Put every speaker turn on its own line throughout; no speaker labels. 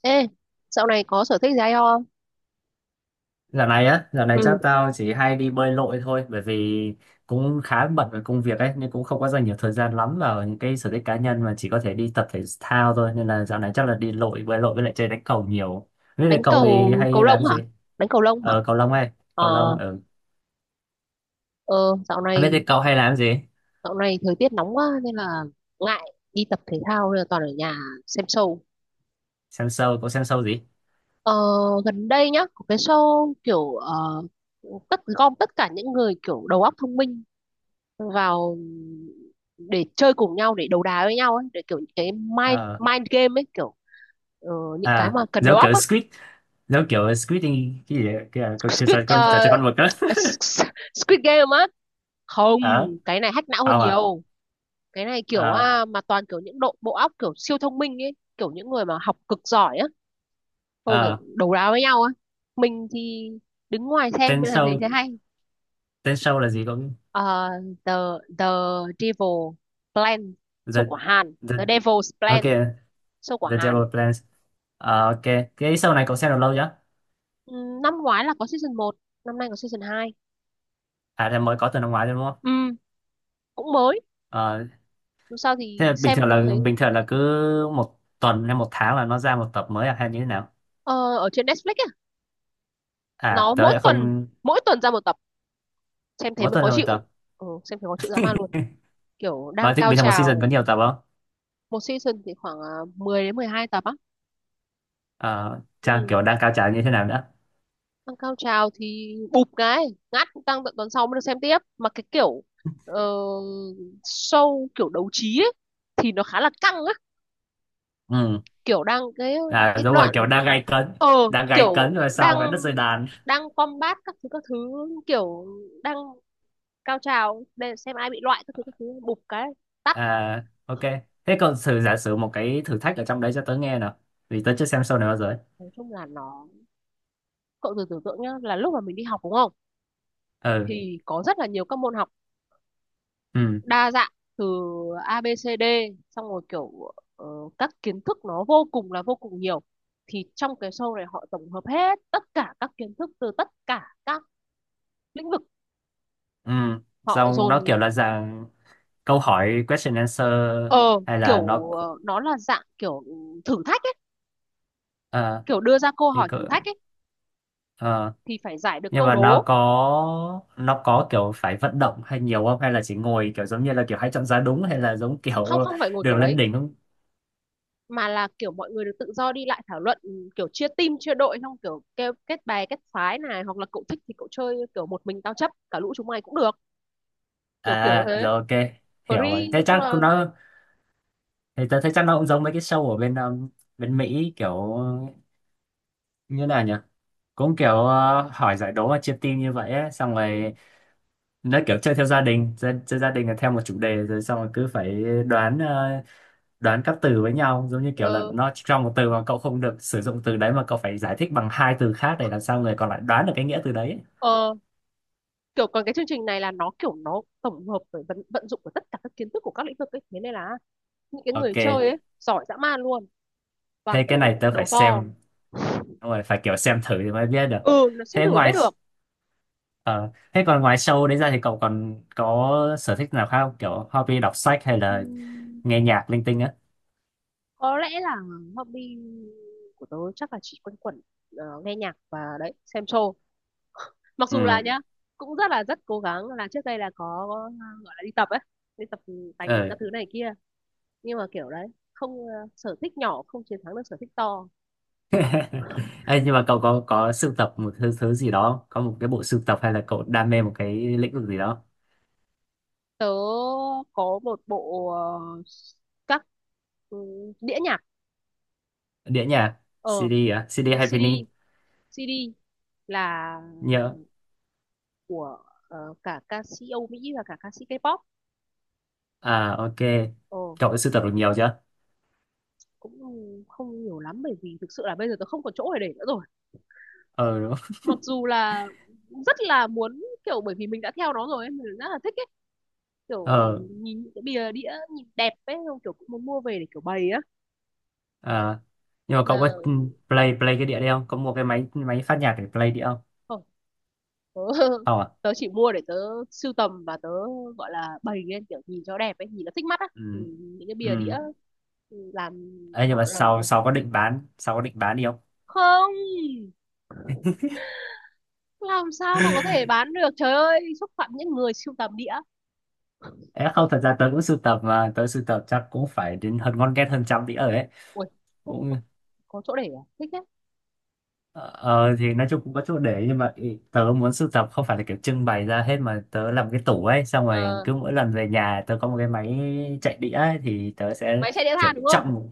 Ê, dạo này có sở thích gì hay không?
Dạo này
Ừ.
chắc tao chỉ hay đi bơi lội thôi bởi vì cũng khá bận với công việc ấy nên cũng không có dành nhiều thời gian lắm vào những cái sở thích cá nhân mà chỉ có thể đi tập thể thao thôi nên là dạo này chắc là đi bơi lội với lại chơi đánh cầu nhiều. Biết thế
Đánh
cậu
cầu
thì
cầu
hay làm
lông hả?
gì?
Đánh cầu lông hả?
Cầu lông hay, cầu lông
Ờ,
ở. Ừ.
ờ dạo
Biết
này
thế cậu hay làm gì?
thời tiết nóng quá nên là ngại đi tập thể thao nên là toàn ở nhà xem show.
Xem show, cậu xem show gì?
Ờ, Gần đây nhá, có cái show kiểu tất gom tất cả những người kiểu đầu óc thông minh vào để chơi cùng nhau để đấu đá với nhau ấy, để kiểu những cái mind
Ờ
mind game ấy kiểu ờ, những cái
à
mà cần đầu óc á.
Giống kiểu Squid thì cái gì đấy, cái trò
Squid
chơi con trò
ờ,
chơi con mực đó.
Squid Game á, không,
Ờ,
cái này hack não hơn
không à?
nhiều. Cái này kiểu
Ờ.
à, mà toàn kiểu những độ bộ óc kiểu siêu thông minh ấy, kiểu những người mà học cực giỏi á. Xong
ờ
kiểu đấu đá với nhau á, mình thì đứng ngoài xem
tên
nên là thấy
show
thế hay.
tên show là gì cậu?
Ờ, The the Devil Plan, show
The
của Hàn.
the
The Devil's Plan,
ok.
show của
The Devil
Hàn.
Plans. Ok. Cái show này cậu xem được lâu chưa?
Ừ, năm ngoái là có season 1, năm nay có season 2.
À thì mới có từ năm ngoái thôi đúng không?
Ừ, cũng mới.
Ờ,
Dù sao
thế là
thì
bình
xem
thường
cũng
là
thấy
bình thường là cứ một tuần hay một tháng là nó ra một tập mới à, hay như thế nào?
ờ, ở trên Netflix á,
À
nó
tớ
mỗi
lại
tuần,
không.
ra một tập, xem thế
Mỗi
mới
tuần
khó
ra một
chịu.
tập.
Ừ, xem thế khó chịu dã man luôn, kiểu đang
Mà thích
cao
bình thường một season
trào.
có nhiều tập không?
Một season thì khoảng à, 10 đến 12 tập á.
Ờ, Trang
Ừ.
kiểu đang cao trào như thế nào nữa.
Đang cao trào thì bụp cái ngắt tăng tận tuần sau mới được xem tiếp, mà cái kiểu ờ, show kiểu đấu trí ấy, thì nó khá là căng á,
Ừ.
kiểu đang
À
cái
đúng rồi
đoạn
kiểu đang gay cấn,
ờ
đang gay cấn
kiểu
rồi
đang
sau vẽ đất rơi đàn.
đang combat các thứ các thứ, kiểu đang cao trào để xem ai bị loại các thứ các thứ, bụp cái tắt.
À ok, thế cậu thử giả sử một cái thử thách ở trong đấy cho tớ nghe nào, vì tớ chưa xem show này bao giờ ấy.
Nói chung là nó, cậu thử tưởng tượng nhá là lúc mà mình đi học đúng không,
Ừ.
thì có rất là nhiều các môn học
Ừ.
đa dạng từ A B C D, xong rồi kiểu các kiến thức nó vô cùng là vô cùng nhiều, thì trong cái show này họ tổng hợp hết tất cả các kiến thức từ tất cả các lĩnh vực,
Ừ,
họ
xong nó
dồn.
kiểu là dạng câu hỏi question answer hay là nó
Nó là dạng kiểu thử thách ấy,
ờ,
kiểu đưa ra câu
thì
hỏi thử
cỡ-
thách ấy,
ờ,
thì phải giải được
nhưng
câu
mà nó
đố.
có nó có kiểu phải vận động hay nhiều không, hay là chỉ ngồi kiểu giống như là kiểu hãy chọn giá đúng hay là giống
Không,
kiểu
không phải ngồi
đường
kiểu
lên
đấy,
đỉnh không?
mà là kiểu mọi người được tự do đi lại thảo luận. Ừ, kiểu chia team chia đội xong kiểu kêu kết bè kết phái này, hoặc là cậu thích thì cậu chơi kiểu một mình tao chấp cả lũ chúng mày cũng được, kiểu kiểu
À
thế,
rồi, ok, hiểu rồi.
free
Thế
nói chung
chắc
là.
cũng nó, thì tớ thấy chắc nó cũng giống mấy cái show ở bên bên Mỹ kiểu như nào nhỉ, cũng kiểu hỏi giải đố và chia team như vậy ấy. Xong
Ừ,
rồi nó kiểu chơi theo gia đình, chơi gia đình là theo một chủ đề rồi xong rồi cứ phải đoán các từ với nhau, giống như kiểu là
ờ,
nó trong một từ mà cậu không được sử dụng từ đấy mà cậu phải giải thích bằng hai từ khác để làm sao người còn lại đoán được cái nghĩa từ đấy ấy.
ờ, kiểu còn cái chương trình này là nó kiểu nó tổng hợp với vận dụng của tất cả các kiến thức của các lĩnh vực ấy, thế nên là những cái người
Ok,
chơi ấy giỏi dã man luôn, toàn
thế cái này
kiểu
tớ phải
đầu to.
xem. Đúng rồi, phải kiểu xem thử thì mới biết được.
Ừ, nó xem
thế
thử mới biết
ngoài
được.
ờ, thế còn ngoài show đấy ra thì cậu còn có sở thích nào khác không, kiểu hobby đọc sách hay là
Ừm,
nghe nhạc linh tinh á?
có lẽ là hobby của tớ chắc là chỉ quanh quẩn ờ, nghe nhạc và đấy xem show. Mặc dù là nhá, cũng rất là rất cố gắng là trước đây là có gọi là đi tập ấy, đi tập tành các
Ừ.
thứ này kia, nhưng mà kiểu đấy không ờ, sở thích nhỏ không chiến thắng được sở thích to.
Ê, nhưng mà cậu có sưu tập một thứ, thứ gì đó không? Có một cái bộ sưu tập hay là cậu đam mê một cái lĩnh vực gì đó?
Tớ có một bộ các ừ, đĩa nhạc.
Đĩa nhạc,
ờ
CD à? CD hay vinyl?
CD. CD là
Nhớ.
của ờ, cả ca sĩ Âu Mỹ và cả ca sĩ K-pop.
À ok.
Ờ,
Cậu đã sưu tập được nhiều chưa?
cũng không nhiều lắm bởi vì thực sự là bây giờ tớ không còn chỗ để nữa rồi.
Ờ đúng.
Mặc dù là rất là muốn, kiểu bởi vì mình đã theo nó rồi ấy, mình rất là thích ấy kiểu
Ờ
nhìn những cái bìa đĩa nhìn đẹp ấy không kiểu cũng muốn mua về để kiểu bày á
à. Nhưng mà cậu
mà.
có play play cái đĩa đấy không? Có mua cái máy máy phát nhạc để play đĩa không?
Không, tớ,
Không à?
tớ chỉ mua để tớ sưu tầm và tớ gọi là bày lên kiểu nhìn cho đẹp ấy, nhìn nó thích mắt á. Ừ,
Ừ.
những cái bìa đĩa
Ừ.
làm,
Ê, nhưng mà
họ làm
sau
đẹp.
sau có định bán, sau có định bán đi không?
Không, làm sao mà có thể bán được, trời ơi xúc phạm những người sưu tầm đĩa.
Ê, không, thật ra tớ cũng sưu tập mà tớ sưu tập chắc cũng phải đến hơn ngon ghét hơn 100 đĩa rồi ấy.
Ui, có
Cũng.
có chỗ để à, thích thế.
Ờ thì nói chung cũng có chỗ để nhưng mà tớ muốn sưu tập không phải là kiểu trưng bày ra hết mà tớ làm cái tủ ấy, xong rồi
Ờ,
cứ mỗi lần về nhà tớ có một cái máy chạy đĩa ấy, thì tớ sẽ
máy chạy đĩa
kiểu
than đúng không?
trọng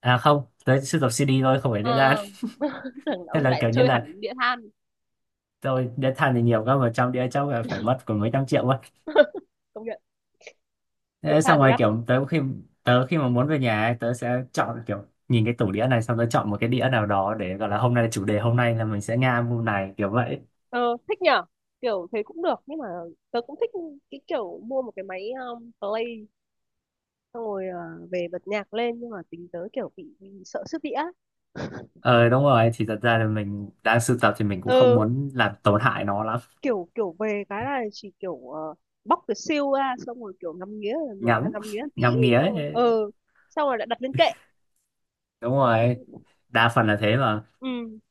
à không, tớ sưu tập CD thôi, không phải đĩa đan.
Ờ. Tưởng
Thế
ông
là
lại
kiểu như
chơi
là
hẳn đĩa than.
tôi đĩa than thì nhiều cơ mà trong đĩa chắc là phải mất còn mấy trăm triệu quá.
Công nhận, đĩa
Thế xong
than thì
rồi
đắt.
kiểu tớ khi mà muốn về nhà ấy, tớ sẽ chọn kiểu nhìn cái tủ đĩa này xong tớ chọn một cái đĩa nào đó để gọi là hôm nay chủ đề hôm nay là mình sẽ nghe album này kiểu vậy.
Ờ, thích nhở? Kiểu thế cũng được, nhưng mà tớ cũng thích cái kiểu mua một cái máy play, xong rồi ờ, về bật nhạc lên, nhưng mà tính tớ kiểu bị sợ sức đĩa.
Ờ đúng rồi, thì thật ra là mình đang sưu tập thì mình cũng không
Ừ,
muốn làm tổn hại nó lắm.
kiểu kiểu về cái là chỉ kiểu ờ, bóc cái siêu ra xong rồi kiểu ngắm nghía rồi mở ra
Ngắm,
ngắm nghía tí,
ngắm nghía
xong rồi
ấy.
ừ, xong rồi lại đặt lên kệ.
Đúng rồi, đa phần là thế mà.
Ừ,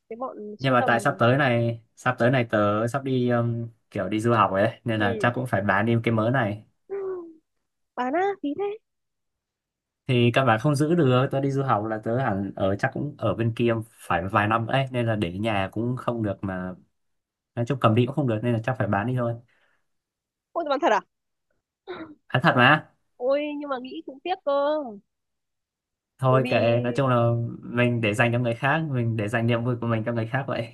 cái bọn
Nhưng
sưu
mà
tầm.
tại sắp tới này tớ sắp đi kiểu đi du học ấy, nên là
Ừ,
chắc cũng phải bán đi cái mớ này.
bán á, phí thế.
Thì các bạn không giữ được, tớ đi du học là tớ hẳn ở chắc cũng ở bên kia phải vài năm ấy, nên là để ở nhà cũng không được mà. Nói chung cầm đi cũng không được nên là chắc phải bán đi thôi.
Ôi, bán thật à?
Nói thật mà.
Ôi, nhưng mà nghĩ cũng tiếc cơ, bởi
Thôi
vì
kệ, nói chung là mình để dành cho người khác, mình để dành niềm vui của mình cho người khác vậy.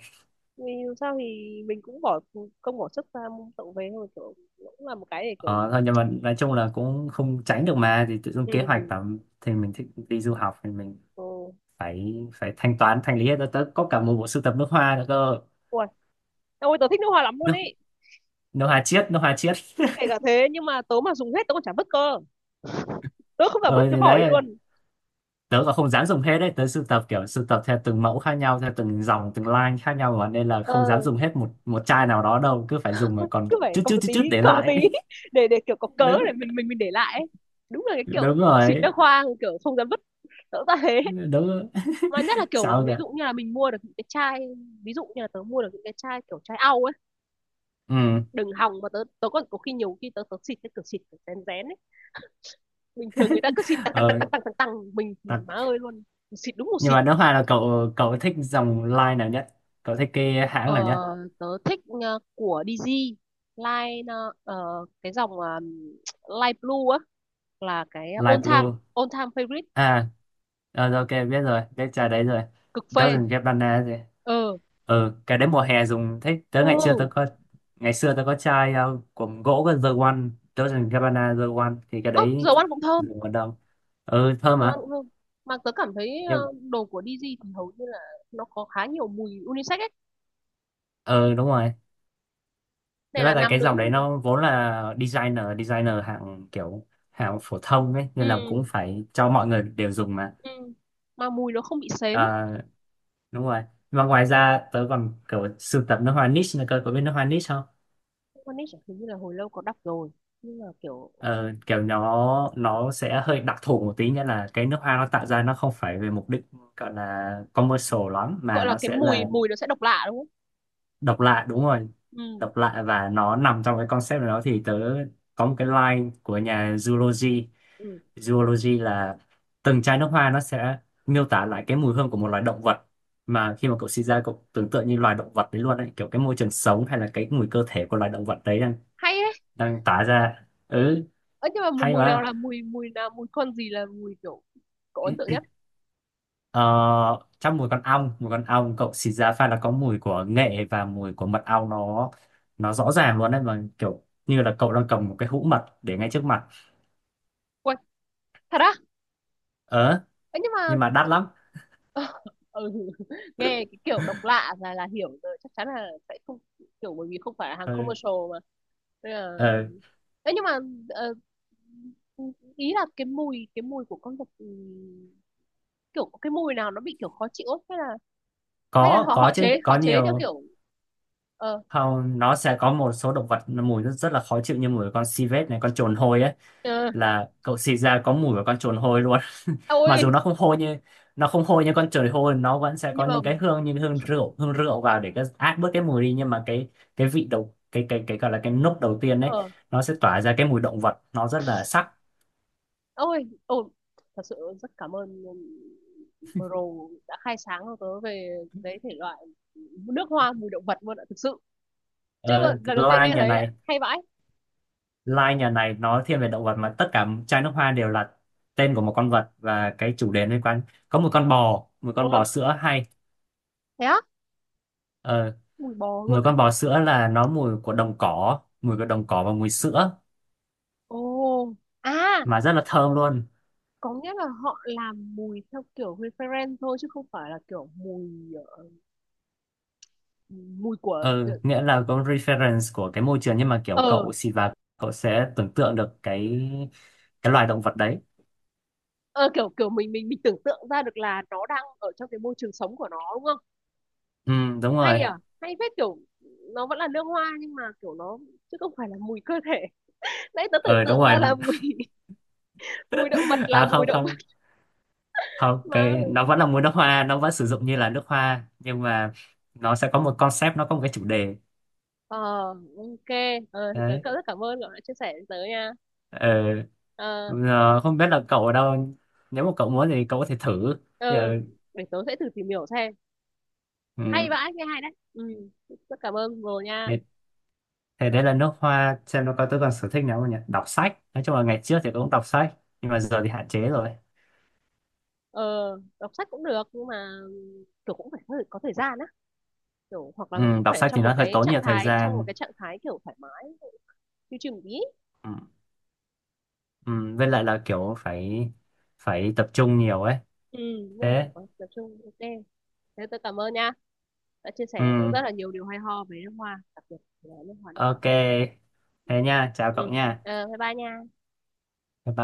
vì dù sao thì mình cũng bỏ công bỏ sức ra mua tậu về thôi, kiểu cũng là một cái để kiểu.
Ờ, thôi nhưng mà nói chung là cũng không tránh được mà, thì tự dưng
Ừ.
kế hoạch là thì mình thích đi du học thì mình
Ừ.
phải phải thanh lý hết. Tớ tớ có cả một bộ sưu tập nước hoa nữa cơ.
Ôi, ôi tớ thích nước hoa lắm luôn
nước
ấy,
nước hoa chiết nước hoa chiết
kể cả thế nhưng mà tớ mà dùng hết tớ còn chả vứt cơ, tớ không phải vứt
Ờ
cái
thì
vỏ đi
đấy,
luôn.
tớ còn không dám dùng hết đấy, tớ sưu tập kiểu sưu tập theo từng mẫu khác nhau, theo từng dòng từng line khác nhau mà, nên là không dám
Ờ,
dùng hết một một chai nào đó đâu, cứ phải dùng mà còn
cứ phải
chút
cầm
chút
một
chút
tí,
chút để
cầm một tí
lại.
để kiểu có cớ
Đúng.
để mình để lại ấy. Đúng là cái kiểu
Đúng
ờ, xịt
rồi.
nước hoa kiểu không dám vứt, tớ ra thế.
Đúng.
Mà nhất là kiểu
Sao
ví
kìa.
dụ như là mình mua được những cái chai, ví dụ như là tớ mua được những cái chai kiểu chai au ấy,
Ừ.
đừng hòng mà tớ tớ còn có khi nhiều khi tớ tớ xịt cái cửa xịt kiểu rén rén ấy. Bình thường người ta cứ xịt tăng tăng tăng
Ờ.
tăng tăng tăng tăng, mình thì má
Đặc
ơi luôn, xịt đúng một
nhưng
xịt.
mà nước hoa là cậu cậu thích dòng line nào nhất? Cậu thích cái hãng
Ờ,
nào nhất?
tớ thích ờ, của DG, line cái dòng Light Blue á, là cái
Light blue
all time favorite,
à? Rồi, ok biết rồi, biết trà đấy rồi.
cực phê.
Doesn't get banana gì.
Ờ.
Ừ, cái đấy mùa hè dùng thích tới. ngày xưa tôi
Ừ.
có ngày xưa tôi có chai của gỗ cái The One. Doesn't get banana The One thì cái
Ơ,
đấy
dầu ăn cũng thơm.
dùng còn đâu. Ừ thơm
dầu ăn
mà.
cũng thơm mà tớ cảm thấy ờ,
Nhưng.
đồ của DG thì hầu như là nó có khá nhiều mùi unisex ấy
Ừ đúng rồi, thế
nên là
là
nam
cái
nữ.
dòng đấy nó vốn là designer designer hạng phổ thông ấy, nên là
Ừ.
cũng phải cho mọi người đều dùng mà.
Ừ. Mà mùi nó không bị sến.
Ờ, đúng rồi. Và ngoài ra tớ còn kiểu sưu tập nước hoa niche nữa cơ, có biết nước hoa niche không?
One Niche hình như là hồi lâu có đọc rồi, nhưng mà kiểu
Ờ, Kiểu nó sẽ hơi đặc thù một tí, nghĩa là cái nước hoa nó tạo ra nó không phải về mục đích gọi là commercial lắm, mà
gọi là
nó
cái
sẽ
mùi
là
mùi nó sẽ độc lạ đúng không?
độc lạ, đúng rồi.
Ừ.
Độc lạ và nó nằm trong cái concept đó, thì tớ có một cái line của nhà Zulogy.
Ừ.
Zoology là từng chai nước hoa nó sẽ miêu tả lại cái mùi hương của một loài động vật, mà khi mà cậu sinh ra cậu tưởng tượng như loài động vật đấy luôn ấy, kiểu cái môi trường sống hay là cái mùi cơ thể của loài động vật đấy đang
Hay đấy,
đang tả ra. Ừ.
ấy nhưng mà mùi
Hay
mùi nào
mà.
là mùi mùi nào mùi con gì là mùi kiểu cậu ấn tượng nhất?
ờ, Trong mùi con ong cậu xịt ra pha là có mùi của nghệ và mùi của mật ong, nó rõ ràng luôn đấy, mà kiểu như là cậu đang cầm một cái hũ mật để ngay trước mặt.
Quên, thật á?
Ờ.
Ấy nhưng mà
Nhưng mà đắt lắm.
ừ. Nghe cái kiểu độc lạ là hiểu rồi, chắc chắn là sẽ không, kiểu bởi vì không phải là hàng
Ừ.
commercial mà. Nên là...
Ờ.
Ê, nhưng mà ờ, ý là cái mùi, cái mùi của con vật, ừ, kiểu cái mùi nào nó bị kiểu khó chịu ấy, hay là Ờ.
có
họ họ
có chứ,
chế
có
theo
nhiều.
kiểu ờ
Không, nó sẽ có một số động vật nó mùi rất, rất là khó chịu, như mùi của con civet này, con trồn hôi ấy,
ờ,
là cậu xịt ra có mùi của con trồn hôi luôn. Mặc dù
ôi
nó không hôi như, nó không hôi như con trồn hôi, nó vẫn sẽ có
nhưng mà
những cái hương như hương rượu vào để cái át bớt cái mùi đi, nhưng mà cái vị đầu cái gọi là cái nốt đầu tiên đấy
ờ
nó sẽ tỏa ra cái mùi động vật, nó rất là sắc.
ôi ồ, thật sự rất cảm ơn bro đã khai sáng cho tớ về cái thể loại nước hoa mùi động vật luôn ạ, thực sự chưa bao-
Ờ,
lần đầu tiên
line
nghe
nhà
thấy ạ,
này,
hay vãi.
line nhà này nó thiên về động vật mà tất cả chai nước hoa đều là tên của một con vật và cái chủ đề liên quan. Có một con bò, một
Ờ,
con bò sữa hay.
thế á,
Ờ,
mùi bò luôn
mùi
ạ.
con bò sữa là nó mùi của đồng cỏ và mùi sữa,
Ồ, à,
mà rất là thơm luôn.
có nghĩa là họ làm mùi theo kiểu reference thôi chứ không phải là kiểu mùi ờ, mùi của
Ừ, nghĩa là có reference của cái môi trường nhưng mà kiểu
ờ.
cậu xịt vào cậu sẽ tưởng tượng được cái loài động vật đấy.
Ờ, kiểu kiểu mình tưởng tượng ra được là nó đang ở trong cái môi trường sống của nó đúng không?
Ừ đúng
Hay
rồi.
Ờ, à, hay phết kiểu nó vẫn là lương hoa, nhưng mà kiểu nó chứ không phải là mùi cơ thể. Nãy tớ tưởng
Ừ đúng
tượng
rồi.
ra là mùi mùi động vật là
À
mùi
không,
động vật
không, không
mà.
cái nó vẫn là mùi nước hoa, nó vẫn sử dụng như là nước hoa, nhưng mà nó sẽ có một concept, nó có một cái chủ đề.
Ờ, ok. Ờ, tớ
Đấy.
cảm- rất cảm ơn cậu đã chia sẻ với tớ nha.
Ừ.
Ờ,
ờ, Không biết là cậu ở đâu, nếu mà cậu muốn thì cậu có thể thử thì,
ờ, để tớ sẽ thử tìm hiểu xem. Hay vãi, nghe hay đấy. Ừ, rất cảm ơn Ngô nha.
ừ, thế
Ờ,
đấy là nước hoa, xem nó có tôi còn sở thích nào không nhỉ. Đọc sách, nói chung là ngày trước thì tôi cũng đọc sách nhưng mà giờ thì hạn chế rồi.
ờ, đọc sách cũng được nhưng mà kiểu cũng phải có có thời gian đấy, kiểu hoặc là
Ừ,
mình cũng
đọc
phải
sách thì
trong một
nó hơi
cái
tốn
trạng
nhiều thời
thái
gian.
kiểu thoải mái, chill chill một tí.
Ừ. Ừ, với lại là kiểu phải phải tập trung nhiều ấy.
Ừ, đúng rồi,
Thế.
có tập trung, ok. Thế tôi cảm ơn nha, đã chia sẻ cho tớ
Ừ,
rất là nhiều điều hay ho về nước hoa, đặc biệt là nước hoa động cỏ.
ok.
Ừ,
Thế nha, chào cậu
ừ.
nha.
Ờ, bye bye nha.
Bye bye.